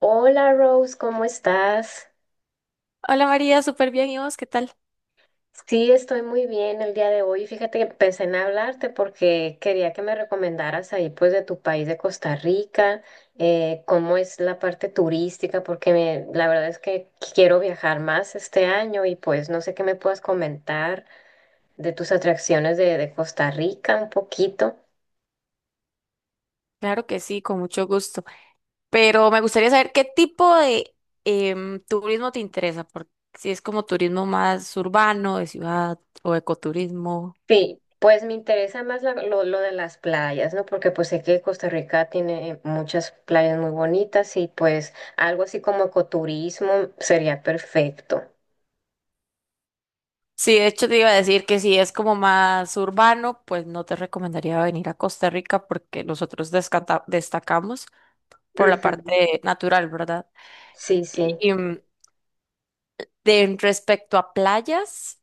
Hola Rose, ¿cómo estás? Hola María, súper bien. ¿Y vos qué tal? Sí, estoy muy bien el día de hoy. Fíjate que empecé en hablarte porque quería que me recomendaras ahí pues de tu país de Costa Rica, cómo es la parte turística, porque la verdad es que quiero viajar más este año y pues no sé qué me puedas comentar de tus atracciones de Costa Rica un poquito. Claro que sí, con mucho gusto. Pero me gustaría saber qué tipo de turismo te interesa, porque si es como turismo más urbano, de ciudad o ecoturismo. Sí, pues me interesa más lo de las playas, ¿no? Porque pues sé que Costa Rica tiene muchas playas muy bonitas y pues algo así como ecoturismo sería perfecto. Sí, de hecho te iba a decir que si es como más urbano, pues no te recomendaría venir a Costa Rica porque nosotros destacamos por la Ujú. parte natural, ¿verdad? Sí, sí. Y, de respecto a playas.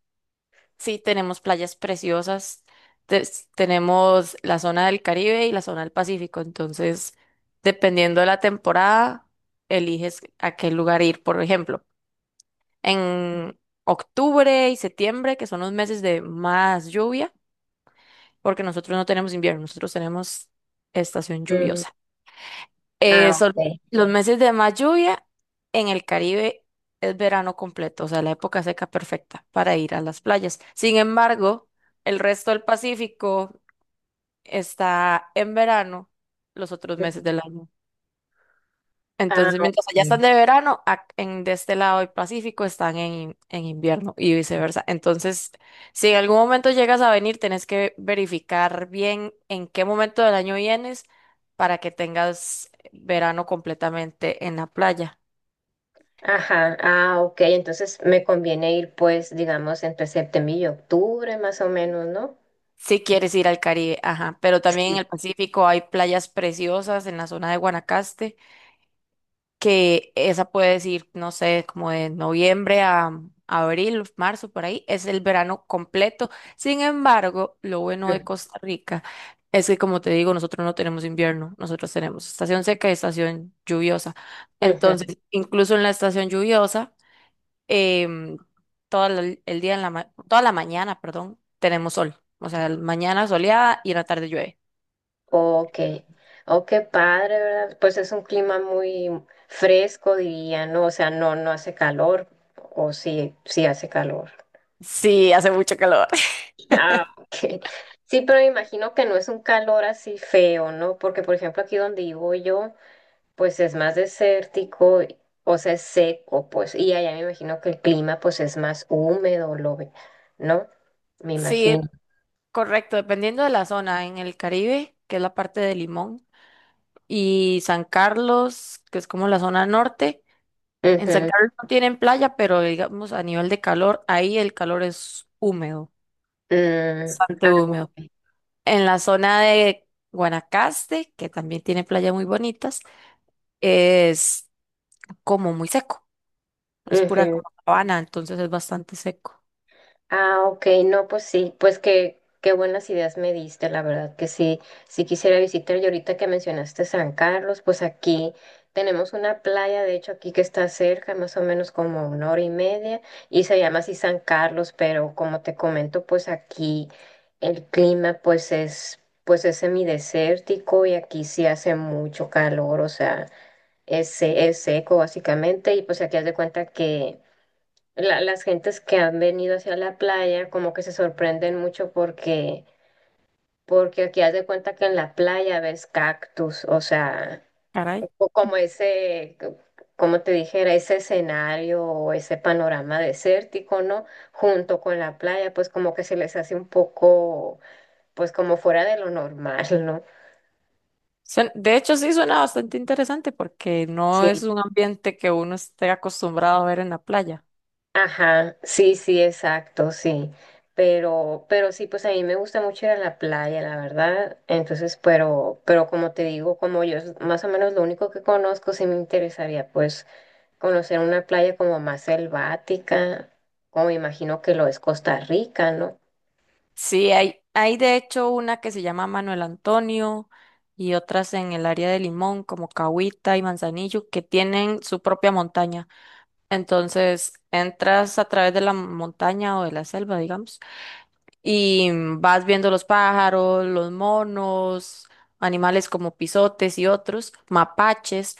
Sí, tenemos playas preciosas, tenemos la zona del Caribe y la zona del Pacífico. Entonces, dependiendo de la temporada, eliges a qué lugar ir. Por ejemplo, en octubre y septiembre, que son los meses de más lluvia, porque nosotros no tenemos invierno, nosotros tenemos estación Mm, lluviosa. Ah, Solo ok. los meses de más lluvia en el Caribe es verano completo, o sea, la época seca perfecta para ir a las playas. Sin embargo, el resto del Pacífico está en verano los otros Ujú. meses del año. Ah, Entonces, mientras allá están ok. de verano, de este lado del Pacífico están en invierno y viceversa. Entonces, si en algún momento llegas a venir, tenés que verificar bien en qué momento del año vienes para que tengas verano completamente en la playa. Ajá, ah, ok. Entonces me conviene ir pues, digamos, entre septiembre y octubre más o menos, ¿no? Si quieres ir al Caribe, ajá, pero también en Sí. el Pacífico hay playas preciosas en la zona de Guanacaste. Que esa puede decir, no sé, como de noviembre a abril, marzo, por ahí, es el verano completo. Sin embargo, lo bueno de Ujú. Costa Rica es que, como te digo, nosotros no tenemos invierno, nosotros tenemos estación seca y estación lluviosa. Ujú. Entonces, incluso en la estación lluviosa, em, todo el día, en toda la mañana, perdón, tenemos sol. O sea, mañana soleada y en la tarde llueve. Ok, oh, qué padre, ¿verdad? Pues es un clima muy fresco, diría, ¿no? O sea, no, no hace calor, o sí, sí hace calor. Sí, hace mucho calor. Ah, ok. Sí, pero me imagino que no es un calor así feo, ¿no? Porque, por ejemplo, aquí donde vivo yo, pues es más desértico, o sea, es seco, pues, y allá me imagino que el clima, pues, es más húmedo, lo ve, ¿no? Me Sí, imagino. correcto, dependiendo de la zona, en el Caribe, que es la parte de Limón, y San Carlos, que es como la zona norte. En San Ujú. Carlos no tienen playa, pero digamos a nivel de calor, ahí el calor es húmedo, Mm, bastante ah, húmedo. ok. En la zona de Guanacaste, que también tiene playas muy bonitas, es como muy seco, es pura Ujú. como sabana, entonces es bastante seco. Ah, ok, no, pues sí, pues qué, qué buenas ideas me diste, la verdad que sí, sí quisiera visitar. Y ahorita que mencionaste San Carlos, pues aquí tenemos una playa, de hecho aquí que está cerca, más o menos como una hora y media, y se llama así San Carlos, pero como te comento, pues aquí el clima pues es semidesértico y aquí sí hace mucho calor, o sea, es, es seco básicamente, y pues aquí haz de cuenta que las gentes que han venido hacia la playa como que se sorprenden mucho porque, porque aquí haz de cuenta que en la playa ves cactus, o sea, Caray. o como ese, como te dijera, ese escenario o ese panorama desértico, ¿no? Junto con la playa, pues como que se les hace un poco, pues como fuera de lo normal, ¿no? De hecho, sí suena bastante interesante porque no es Sí. un ambiente que uno esté acostumbrado a ver en la playa. Ajá, sí, sí, exacto, sí. Pero sí, pues a mí me gusta mucho ir a la playa, la verdad. Entonces, pero como te digo, como yo es más o menos lo único que conozco, sí me interesaría pues conocer una playa como más selvática, como me imagino que lo es Costa Rica, ¿no? Sí, hay de hecho una que se llama Manuel Antonio y otras en el área de Limón, como Cahuita y Manzanillo, que tienen su propia montaña. Entonces, entras a través de la montaña o de la selva, digamos, y vas viendo los pájaros, los monos, animales como pisotes y otros, mapaches.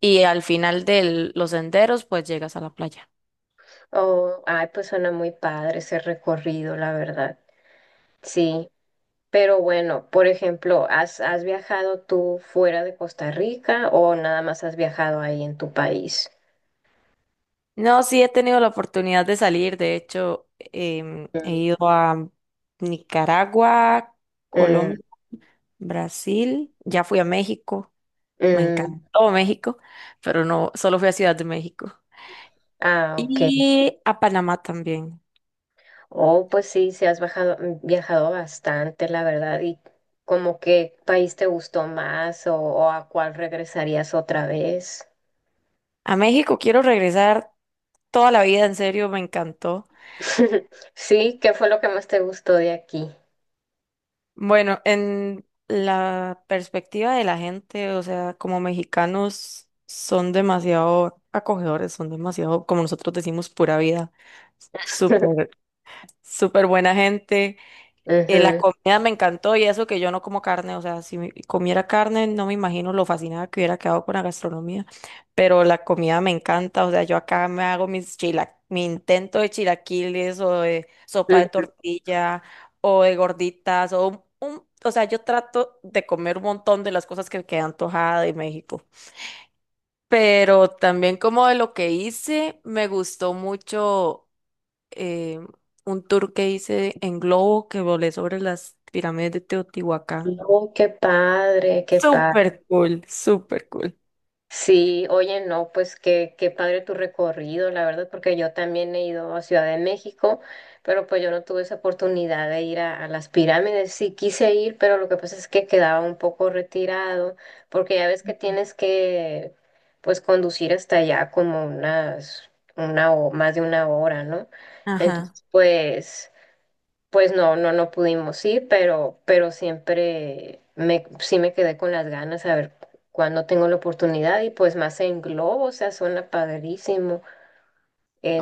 Y al final de los senderos pues llegas a la playa. O, ay, pues suena muy padre ese recorrido, la verdad. Sí. Pero bueno, por ejemplo, ¿has, has viajado tú fuera de Costa Rica o nada más has viajado ahí en tu país? No, sí he tenido la oportunidad de salir, de hecho he Mm, ido a Nicaragua, mm, Colombia, Brasil, ya fui a México, me mm. encantó México, pero no, solo fui a Ciudad de México Ah, ok. y a Panamá también. Oh, pues sí, mm, viajado bastante, la verdad. ¿Y como qué país te gustó más o a cuál regresarías otra vez? A México quiero regresar toda la vida, en serio, me encantó. Sí, ¿qué fue lo que más te gustó de aquí? Bueno, en la perspectiva de la gente, o sea, como mexicanos son demasiado acogedores, son demasiado, como nosotros decimos, pura vida, súper, súper buena gente. La Ujú, comida me encantó y eso que yo no como carne, o sea, comiera carne no me imagino lo fascinada que hubiera quedado con la gastronomía, pero la comida me encanta. O sea, yo acá me hago mi intento de chilaquiles o de sopa de ujú. tortilla o de gorditas o o sea, yo trato de comer un montón de las cosas que me quedan antojada de México, pero también como de lo que hice, me gustó mucho eh, un tour que hice en globo que volé sobre las pirámides de Teotihuacán. Oh, qué padre, qué padre. Súper cool, súper cool. Sí, oye, no, pues qué, qué padre tu recorrido, la verdad, porque yo también he ido a Ciudad de México, pero pues yo no tuve esa oportunidad de ir a las pirámides. Sí quise ir, pero lo que pasa es que quedaba un poco retirado, porque ya ves que tienes que, pues, conducir hasta allá como unas, una o más de una hora, ¿no? Ajá. Entonces, pues... Pues no, no, no pudimos ir, pero siempre me, sí me quedé con las ganas a ver cuándo tengo la oportunidad y pues más en globo, o sea, suena padrísimo.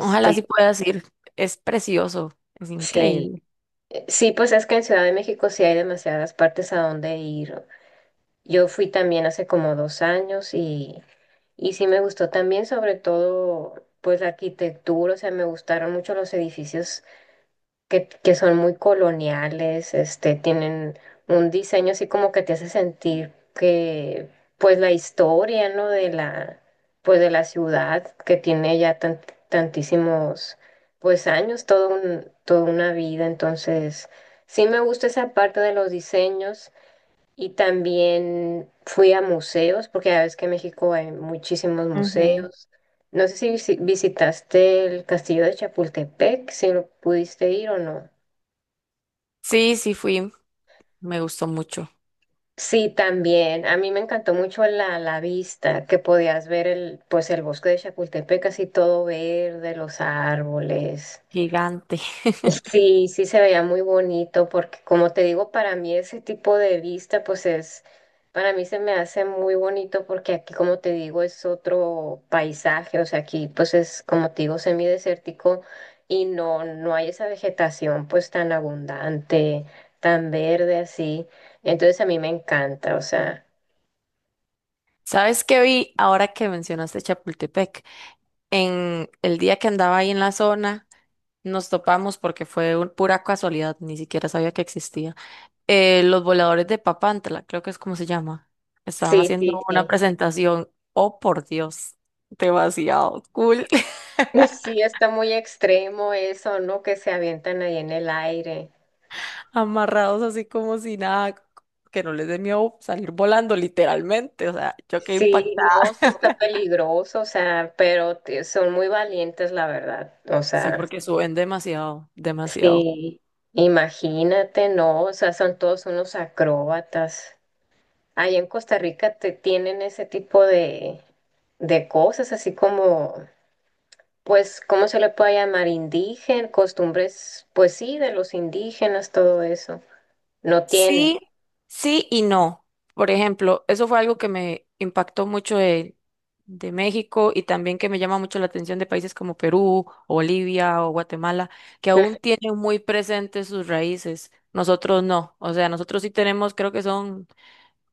Este, sí puedas ir. Es precioso, es sí, increíble. Sí, pues es que en Ciudad de México sí hay demasiadas partes a donde ir. Yo fui también hace como dos años y sí me gustó también, sobre todo, pues la arquitectura, o sea, me gustaron mucho los edificios que son muy coloniales, este, tienen un diseño así como que te hace sentir que, pues, la historia, ¿no? De la, pues, de la ciudad que tiene ya tantísimos, pues, años, todo un, toda una vida. Entonces, sí me gusta esa parte de los diseños y también fui a museos, porque ya ves que en México hay muchísimos Ujú. museos. No sé si visitaste el castillo de Chapultepec, si lo pudiste ir o no. Sí, sí fui. Me gustó mucho. Sí, también. A mí me encantó mucho la, la vista, que podías ver el, pues el bosque de Chapultepec, así todo verde, los árboles. Gigante. Sí, sí se veía muy bonito, porque como te digo, para mí ese tipo de vista, pues es, para mí se me hace muy bonito, porque aquí, como te digo, es otro paisaje, o sea, aquí, pues es, como te digo, semidesértico y no, no hay esa vegetación, pues tan abundante, tan verde así. Entonces a mí me encanta, o sea. ¿Sabes qué vi ahora que mencionaste Chapultepec? En el día que andaba ahí en la zona, nos topamos porque fue pura casualidad, ni siquiera sabía que existía. Los voladores de Papantla, creo que es como se llama. Estaban Sí, sí, haciendo una sí. presentación. Oh, por Dios, demasiado cool. Sí, está muy extremo eso, ¿no? Que se avientan ahí en el aire. Amarrados así como si nada, que no les dé miedo salir volando literalmente. O sea, yo quedé Sí, impactada. no, sí está peligroso, o sea, pero son muy valientes, la verdad. O Sí, sea, porque suben demasiado, demasiado. sí, imagínate, ¿no? O sea, son todos unos acróbatas. Allá en Costa Rica te tienen ese tipo de cosas, así como, pues, ¿cómo se le puede llamar? Indígena, costumbres, pues sí, de los indígenas, todo eso. No tienen. Sí, sí y no. Por ejemplo, eso fue algo que me impactó mucho de México y también que me llama mucho la atención de países como Perú, o Bolivia o Guatemala, que aún tienen muy presentes sus raíces. Nosotros no. O sea, nosotros sí tenemos, creo que son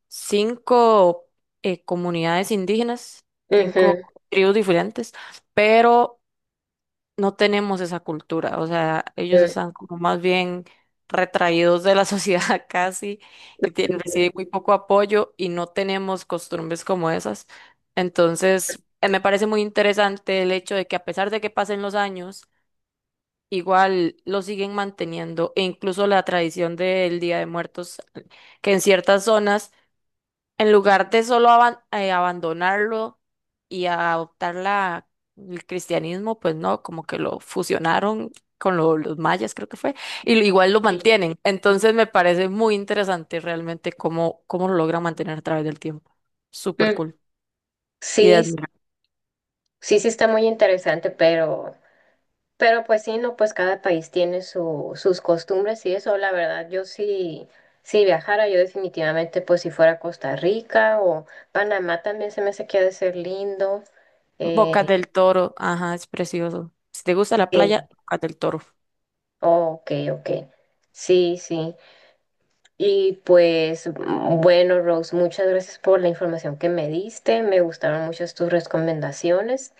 cinco comunidades indígenas, cinco Ujú, tribus diferentes, pero no tenemos esa cultura, o sea, ellos están como más bien retraídos de la sociedad casi, que tienen, reciben ujú. muy poco apoyo y no tenemos costumbres como esas. Entonces, me parece muy interesante el hecho de que a pesar de que pasen los años, igual lo siguen manteniendo e incluso la tradición del Día de Muertos, que en ciertas zonas en lugar de solo abandonarlo y adoptar el cristianismo, pues no, como que lo fusionaron con los mayas, creo que fue, y igual lo mantienen. Entonces me parece muy interesante realmente cómo lo logran mantener a través del tiempo. Súper Mm, cool. Y de sí, sí, admirar. sí sí está muy interesante, pero pues sí, no, pues cada país tiene su, sus costumbres y eso, la verdad, yo sí, si viajara, yo definitivamente, pues si fuera a Costa Rica o Panamá también se me hace que ha de ser lindo. Bocas Eh, del Toro, ajá, es precioso. Si te gusta la sí, playa, Bocas del Toro. oh, ok, ok. Sí, sí. Y pues mm, bueno, Rose, muchas gracias por la información que me diste, me gustaron muchas tus recomendaciones.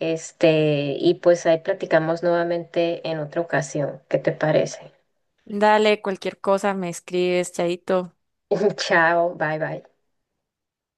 Este, y pues ahí platicamos nuevamente en otra ocasión. ¿Qué te parece? Dale, cualquier cosa, me escribes, chaito. Chao, bye bye.